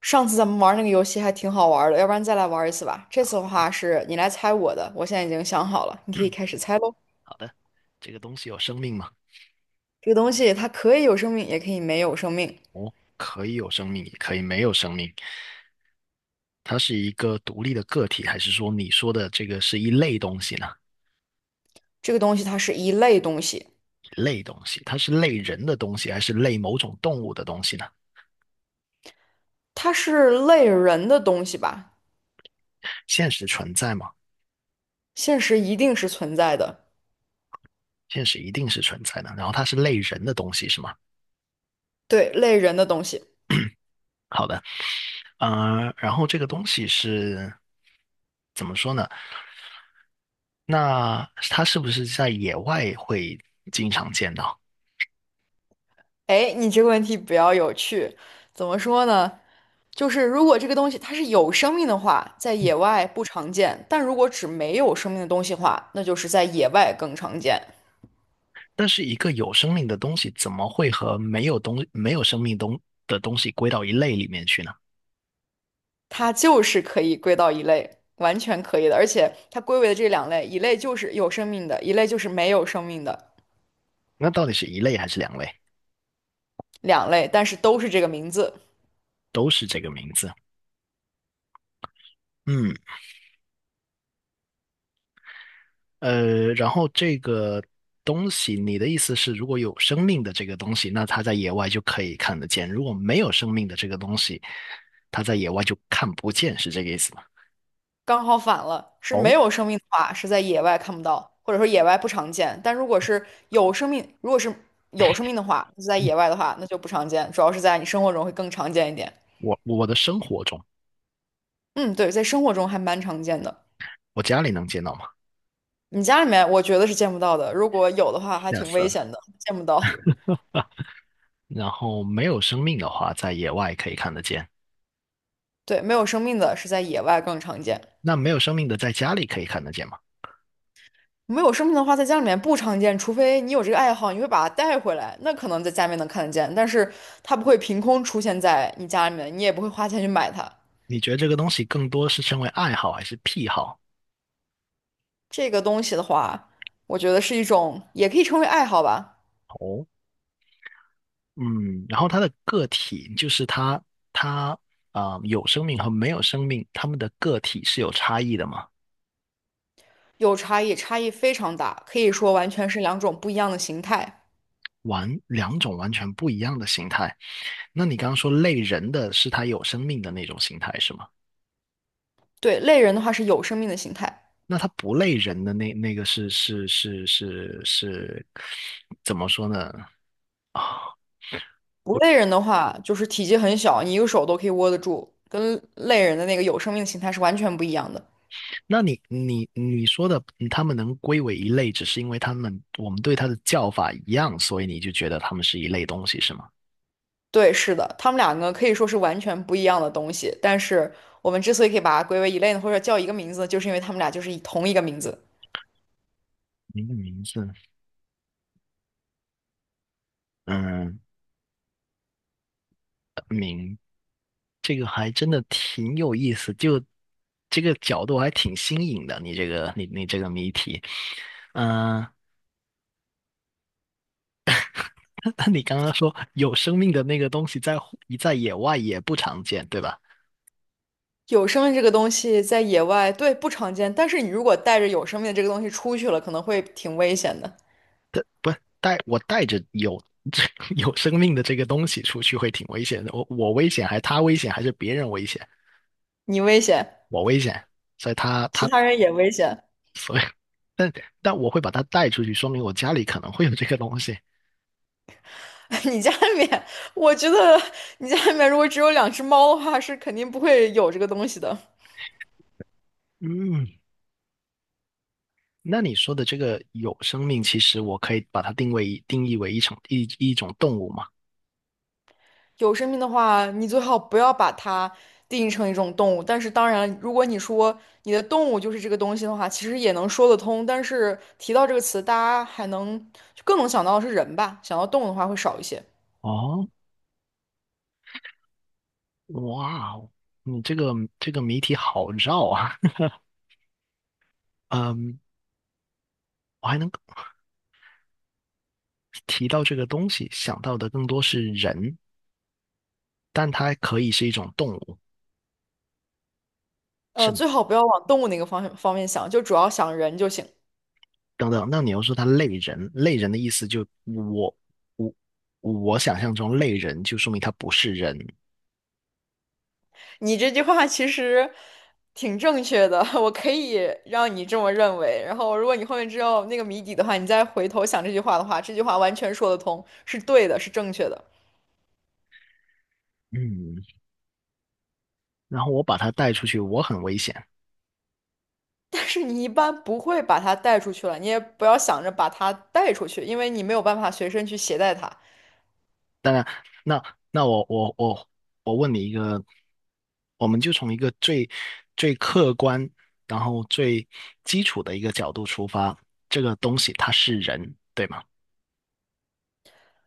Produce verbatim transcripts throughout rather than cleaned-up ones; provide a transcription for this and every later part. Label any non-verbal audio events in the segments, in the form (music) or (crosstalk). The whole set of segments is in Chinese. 上次咱们玩那个游戏还挺好玩的，要不然再来玩一次吧。这次的话是你来猜我的，我现在已经想好了，你可以开始猜喽。好的，这个东西有生命吗？这个东西它可以有生命，也可以没有生命。哦，可以有生命，也可以没有生命。它是一个独立的个体，还是说你说的这个是一类东西呢？这个东西它是一类东西，一类东西，它是类人的东西，还是类某种动物的东西呢？它是类人的东西吧？现实存在吗？现实一定是存在的，现实一定是存在的。然后它是类人的东西，是吗？对，类人的东西。好的，呃，然后这个东西是怎么说呢？那它是不是在野外会经常见到？哎，你这个问题比较有趣，怎么说呢？就是如果这个东西它是有生命的话，在野外不常见；但如果指没有生命的东西的话，那就是在野外更常见。但是一个有生命的东西怎么会和没有东没有生命东的东西归到一类里面去呢？它就是可以归到一类，完全可以的。而且它归为的这两类，一类就是有生命的，一类就是没有生命的，那到底是一类还是两类？两类，但是都是这个名字，都是这个名字。嗯，呃，然后这个东西，你的意思是，如果有生命的这个东西，那它在野外就可以看得见；如果没有生命的这个东西，它在野外就看不见，是这个意思吗？刚好反了。是没哦，有生命的话，是在野外看不到，或者说野外不常见；但如果是有生命，如果是有生命的话，是在嗯野外的话，那就不常见，主要是在你生活中会更常见一点。我我的生活中，嗯，对，在生活中还蛮常见的。我家里能见到吗？你家里面我觉得是见不到的，如果有的话还吓挺死危了。险的，见不到。然后没有生命的话，在野外可以看得见。对，没有生命的是在野外更常见。那没有生命的在家里可以看得见吗？没有生命的话，在家里面不常见，除非你有这个爱好，你会把它带回来，那可能在家里面能看得见，但是它不会凭空出现在你家里面，你也不会花钱去买它。你觉得这个东西更多是称为爱好还是癖好？这个东西的话，我觉得是一种，也可以称为爱好吧，哦，嗯，然后它的个体就是它，它啊、呃有生命和没有生命，它们的个体是有差异的嘛？有差异，差异非常大，可以说完全是两种不一样的形态。完，两种完全不一样的形态。那你刚刚说类人的是它有生命的那种形态是吗？对，类人的话是有生命的形态，那它不类人的那那个是是是是是怎么说呢？啊，不类人的话就是体积很小，你一个手都可以握得住，跟类人的那个有生命的形态是完全不一样的。那你你你说的，嗯他们能归为一类，只是因为他们我们对它的叫法一样，所以你就觉得它们是一类东西，是吗？对，是的，他们两个可以说是完全不一样的东西，但是我们之所以可以把它归为一类呢，或者叫一个名字呢就是因为他们俩就是以同一个名字。名的名字，嗯，这个还真的挺有意思，就这个角度还挺新颖的。你这个你你这个谜题，嗯，(laughs) 那你刚刚说有生命的那个东西在户在野外也不常见，对吧？有生命这个东西在野外，对，不常见，但是你如果带着有生命的这个东西出去了，可能会挺危险的，不是带我带着有 (laughs) 有生命的这个东西出去会挺危险的，我我危险还是他危险还是别人危险？你危险，我危险，所以他其他他人也危险。所以，(laughs) 但但我会把它带出去，说明我家里可能会有这个东西。(laughs) 你家里面，我觉得你家里面如果只有两只猫的话，是肯定不会有这个东西的。嗯，那你说的这个有生命，其实我可以把它定位定义为一种一一种动物嘛？有生命的话，你最好不要把它定义成一种动物。但是，当然，如果你说你的动物就是这个东西的话，其实也能说得通。但是提到这个词，大家还能就更能想到的是人吧，想到动物的话会少一些。哦，哇哦，你这个这个谜题好绕啊。(laughs) 嗯，我还能提到这个东西，想到的更多是人，但它可以是一种动物，是呃，吗？最好不要往动物那个方向方面想，就主要想人就行。等等，那你又说他类人，类人的意思就我我我想象中类人就说明他不是人，你这句话其实挺正确的，(laughs) 我可以让你这么认为。然后，如果你后面知道那个谜底的话，你再回头想这句话的话，这句话完全说得通，是对的，是正确的。嗯，然后我把他带出去，我很危险。但是你一般不会把它带出去了，你也不要想着把它带出去，因为你没有办法随身去携带它。那那我我我我问你一个，我们就从一个最最客观，然后最基础的一个角度出发，这个东西它是人，对吗？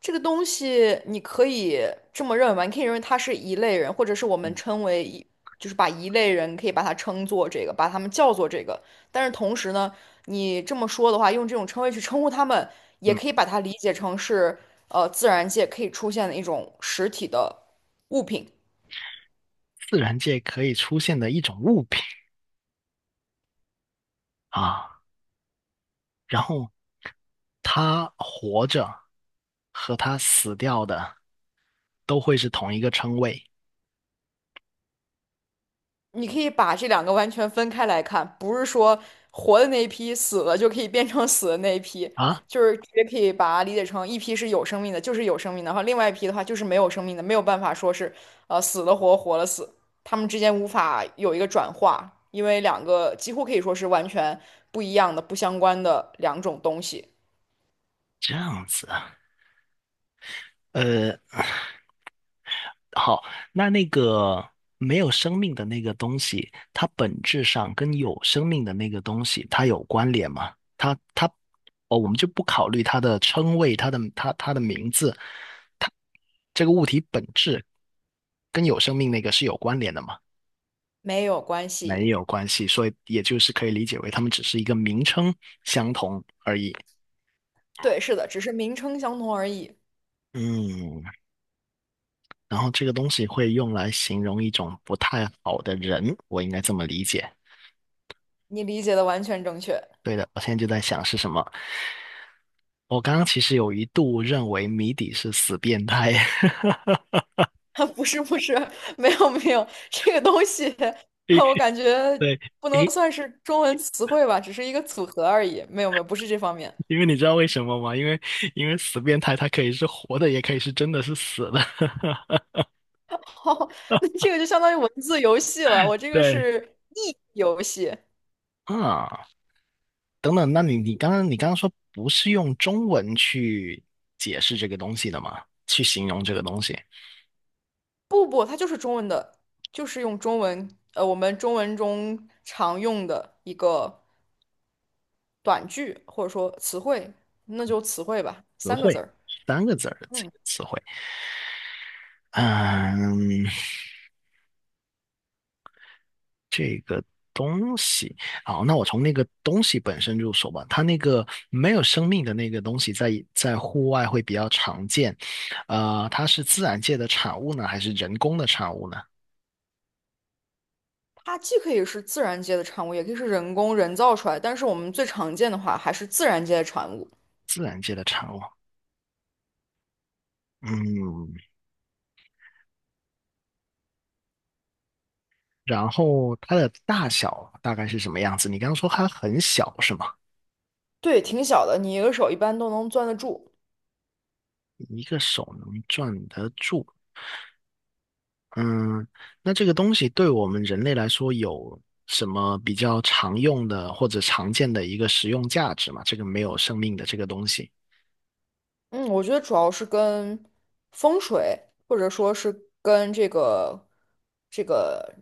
这个东西你可以这么认为吧，你可以认为它是一类人，或者是我们称为一，就是把一类人可以把它称作这个，把他们叫做这个。但是同时呢，你这么说的话，用这种称谓去称呼他们，也嗯，可以把它理解成是呃自然界可以出现的一种实体的物品。自然界可以出现的一种物品啊，然后它活着和它死掉的。都会是同一个称谓你可以把这两个完全分开来看，不是说活的那一批死了就可以变成死的那一批，啊？就是直接可以把它理解成一批是有生命的，就是有生命的，然后另外一批的话就是没有生命的，没有办法说是呃死了活，活了死，他们之间无法有一个转化，因为两个几乎可以说是完全不一样的、不相关的两种东西，这样子啊，呃，好，那那个没有生命的那个东西，它本质上跟有生命的那个东西，它有关联吗？它它哦，我们就不考虑它的称谓，它的它它的名字，它这个物体本质跟有生命那个是有关联的吗？没有关没系。有关系，所以也就是可以理解为它们只是一个名称相同而已。对，是的，只是名称相同而已。嗯，然后这个东西会用来形容一种不太好的人，我应该这么理解。你理解的完全正确。对的，我现在就在想是什么。我刚刚其实有一度认为谜底是死变态，(laughs) 不是不是，没有没有，这个东西 (laughs) (laughs) 诶我感觉对，不能诶，算是中文词汇吧，只是一个组合而已。没有没有，不是这方面。因为你知道为什么吗？因为因为死变态它可以是活的，也可以是真的是死的。(laughs) (laughs) 哦，那这个就相当于文字游戏了，我这个对，是译游戏。啊，等等，那你你刚刚你刚刚说不是用中文去解释这个东西的吗？去形容这个东西，不不，它就是中文的，就是用中文，呃，我们中文中常用的一个短句或者说词汇，那就词汇吧，词三个字汇儿。三个字儿的这嗯。个词汇。嗯，这个东西，好，那我从那个东西本身入手吧。它那个没有生命的那个东西在，在户外会比较常见。呃，它是自然界的产物呢，还是人工的产物呢？它既可以是自然界的产物，也可以是人工人造出来，但是我们最常见的话还是自然界的产物。自然界的产物。嗯，然后它的大小大概是什么样子？你刚刚说它很小是吗？对，挺小的，你一个手一般都能攥得住。一个手能攥得住。嗯，那这个东西对我们人类来说有什么比较常用的或者常见的一个实用价值吗？这个没有生命的这个东西，嗯，我觉得主要是跟风水，或者说是跟这个、这个、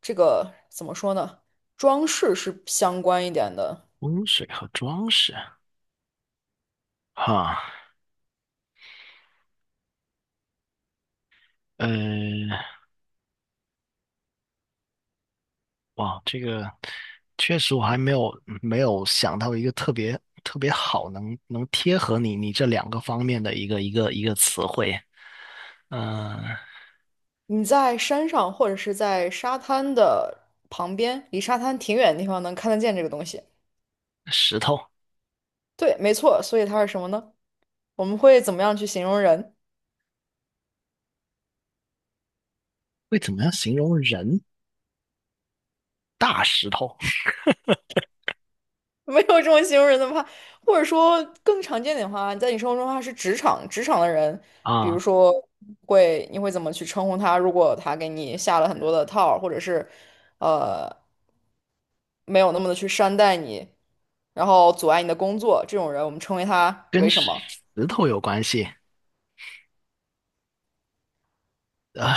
这个怎么说呢，装饰是相关一点的。温水和装饰，哈，呃，哇，这个确实我还没有没有想到一个特别特别好能能贴合你你这两个方面的一个一个一个词汇，嗯、你在山上或者是在沙滩的旁边，离沙滩挺远的地方能看得见这个东西。石头对，没错，所以它是什么呢？我们会怎么样去形容人？会怎么样形容人？大石头 (laughs) 没有这么形容人的话，或者说更常见点的话，在你生活中的话是职场职场的人，比如啊，说会你会怎么去称呼他？如果他给你下了很多的套儿或者是呃没有那么的去善待你，然后阻碍你的工作，这种人我们称为他跟为什石么？头有关系。啊，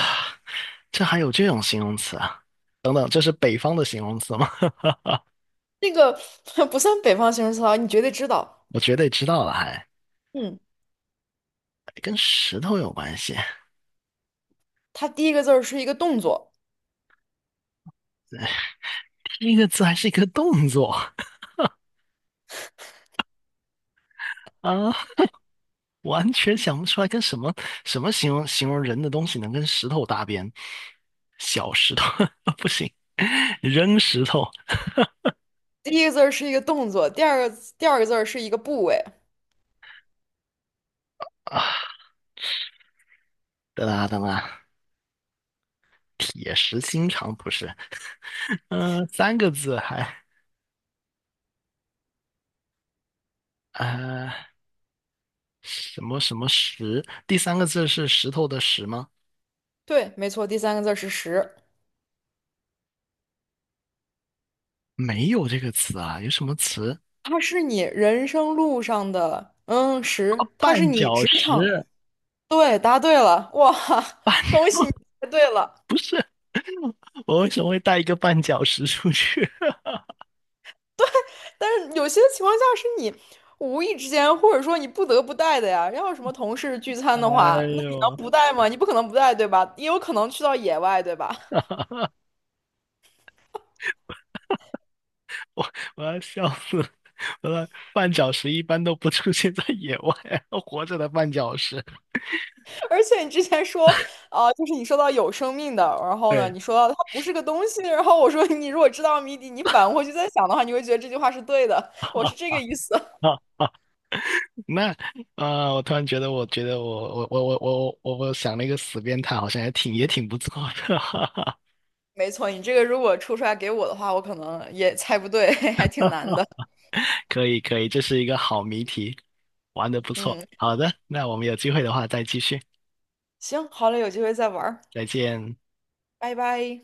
这还有这种形容词啊？等等，这是北方的形容词吗？(laughs) 那个 (laughs) 不算北方形容词啊，你绝对知道。我绝对知道了还，还嗯，跟石头有关系。他第一个字儿是一个动作，第一个字还是一个动作 (laughs) 啊，完全想不出来跟什么什么形容形容人的东西能跟石头搭边。小石头 (laughs) 不行，扔石头第一个字儿是一个动作，第二个第二个字儿是一个部位，啊！等啊等啊，铁石心肠不是？(laughs) 嗯、三个字还啊什么什么石？第三个字是石头的石吗？对，没错，第三个字儿是时。没有这个词啊，有什么词它是你人生路上的嗯啊？十，它是绊你脚职场。石，对，答对了，哇，(laughs) 恭喜你答对了。我为什么会带一个绊脚石出去？(laughs) 但是有些情况下是你无意之间，或者说你不得不带的呀。要是什么同事聚餐哎的话，那你能呦，不带吗？你不可能不带，对吧？也有可能去到野外，对吧？我要笑死了我的绊脚石一般都不出现在野外，(laughs) 活着的绊脚石。(laughs) 而且你之前说啊、就是你说到有生命的，然后呢，对，你说到它不是个东西，然后我说你如果知道谜底，你反过去再想的话，你会觉得这句话是对的。我是这个意思。好，那啊、呃我突然觉得，我觉得我我我我我我我想了一个死变态，好像也挺也挺不错的，没错，你这个如果出出来给我的话，我可能也猜不对，(laughs) 还挺难 (laughs) 的。可以可以，这是一个好谜题，玩的不错。嗯，好的，那我们有机会的话再继续，行，好嘞，有机会再玩儿再见。拜拜。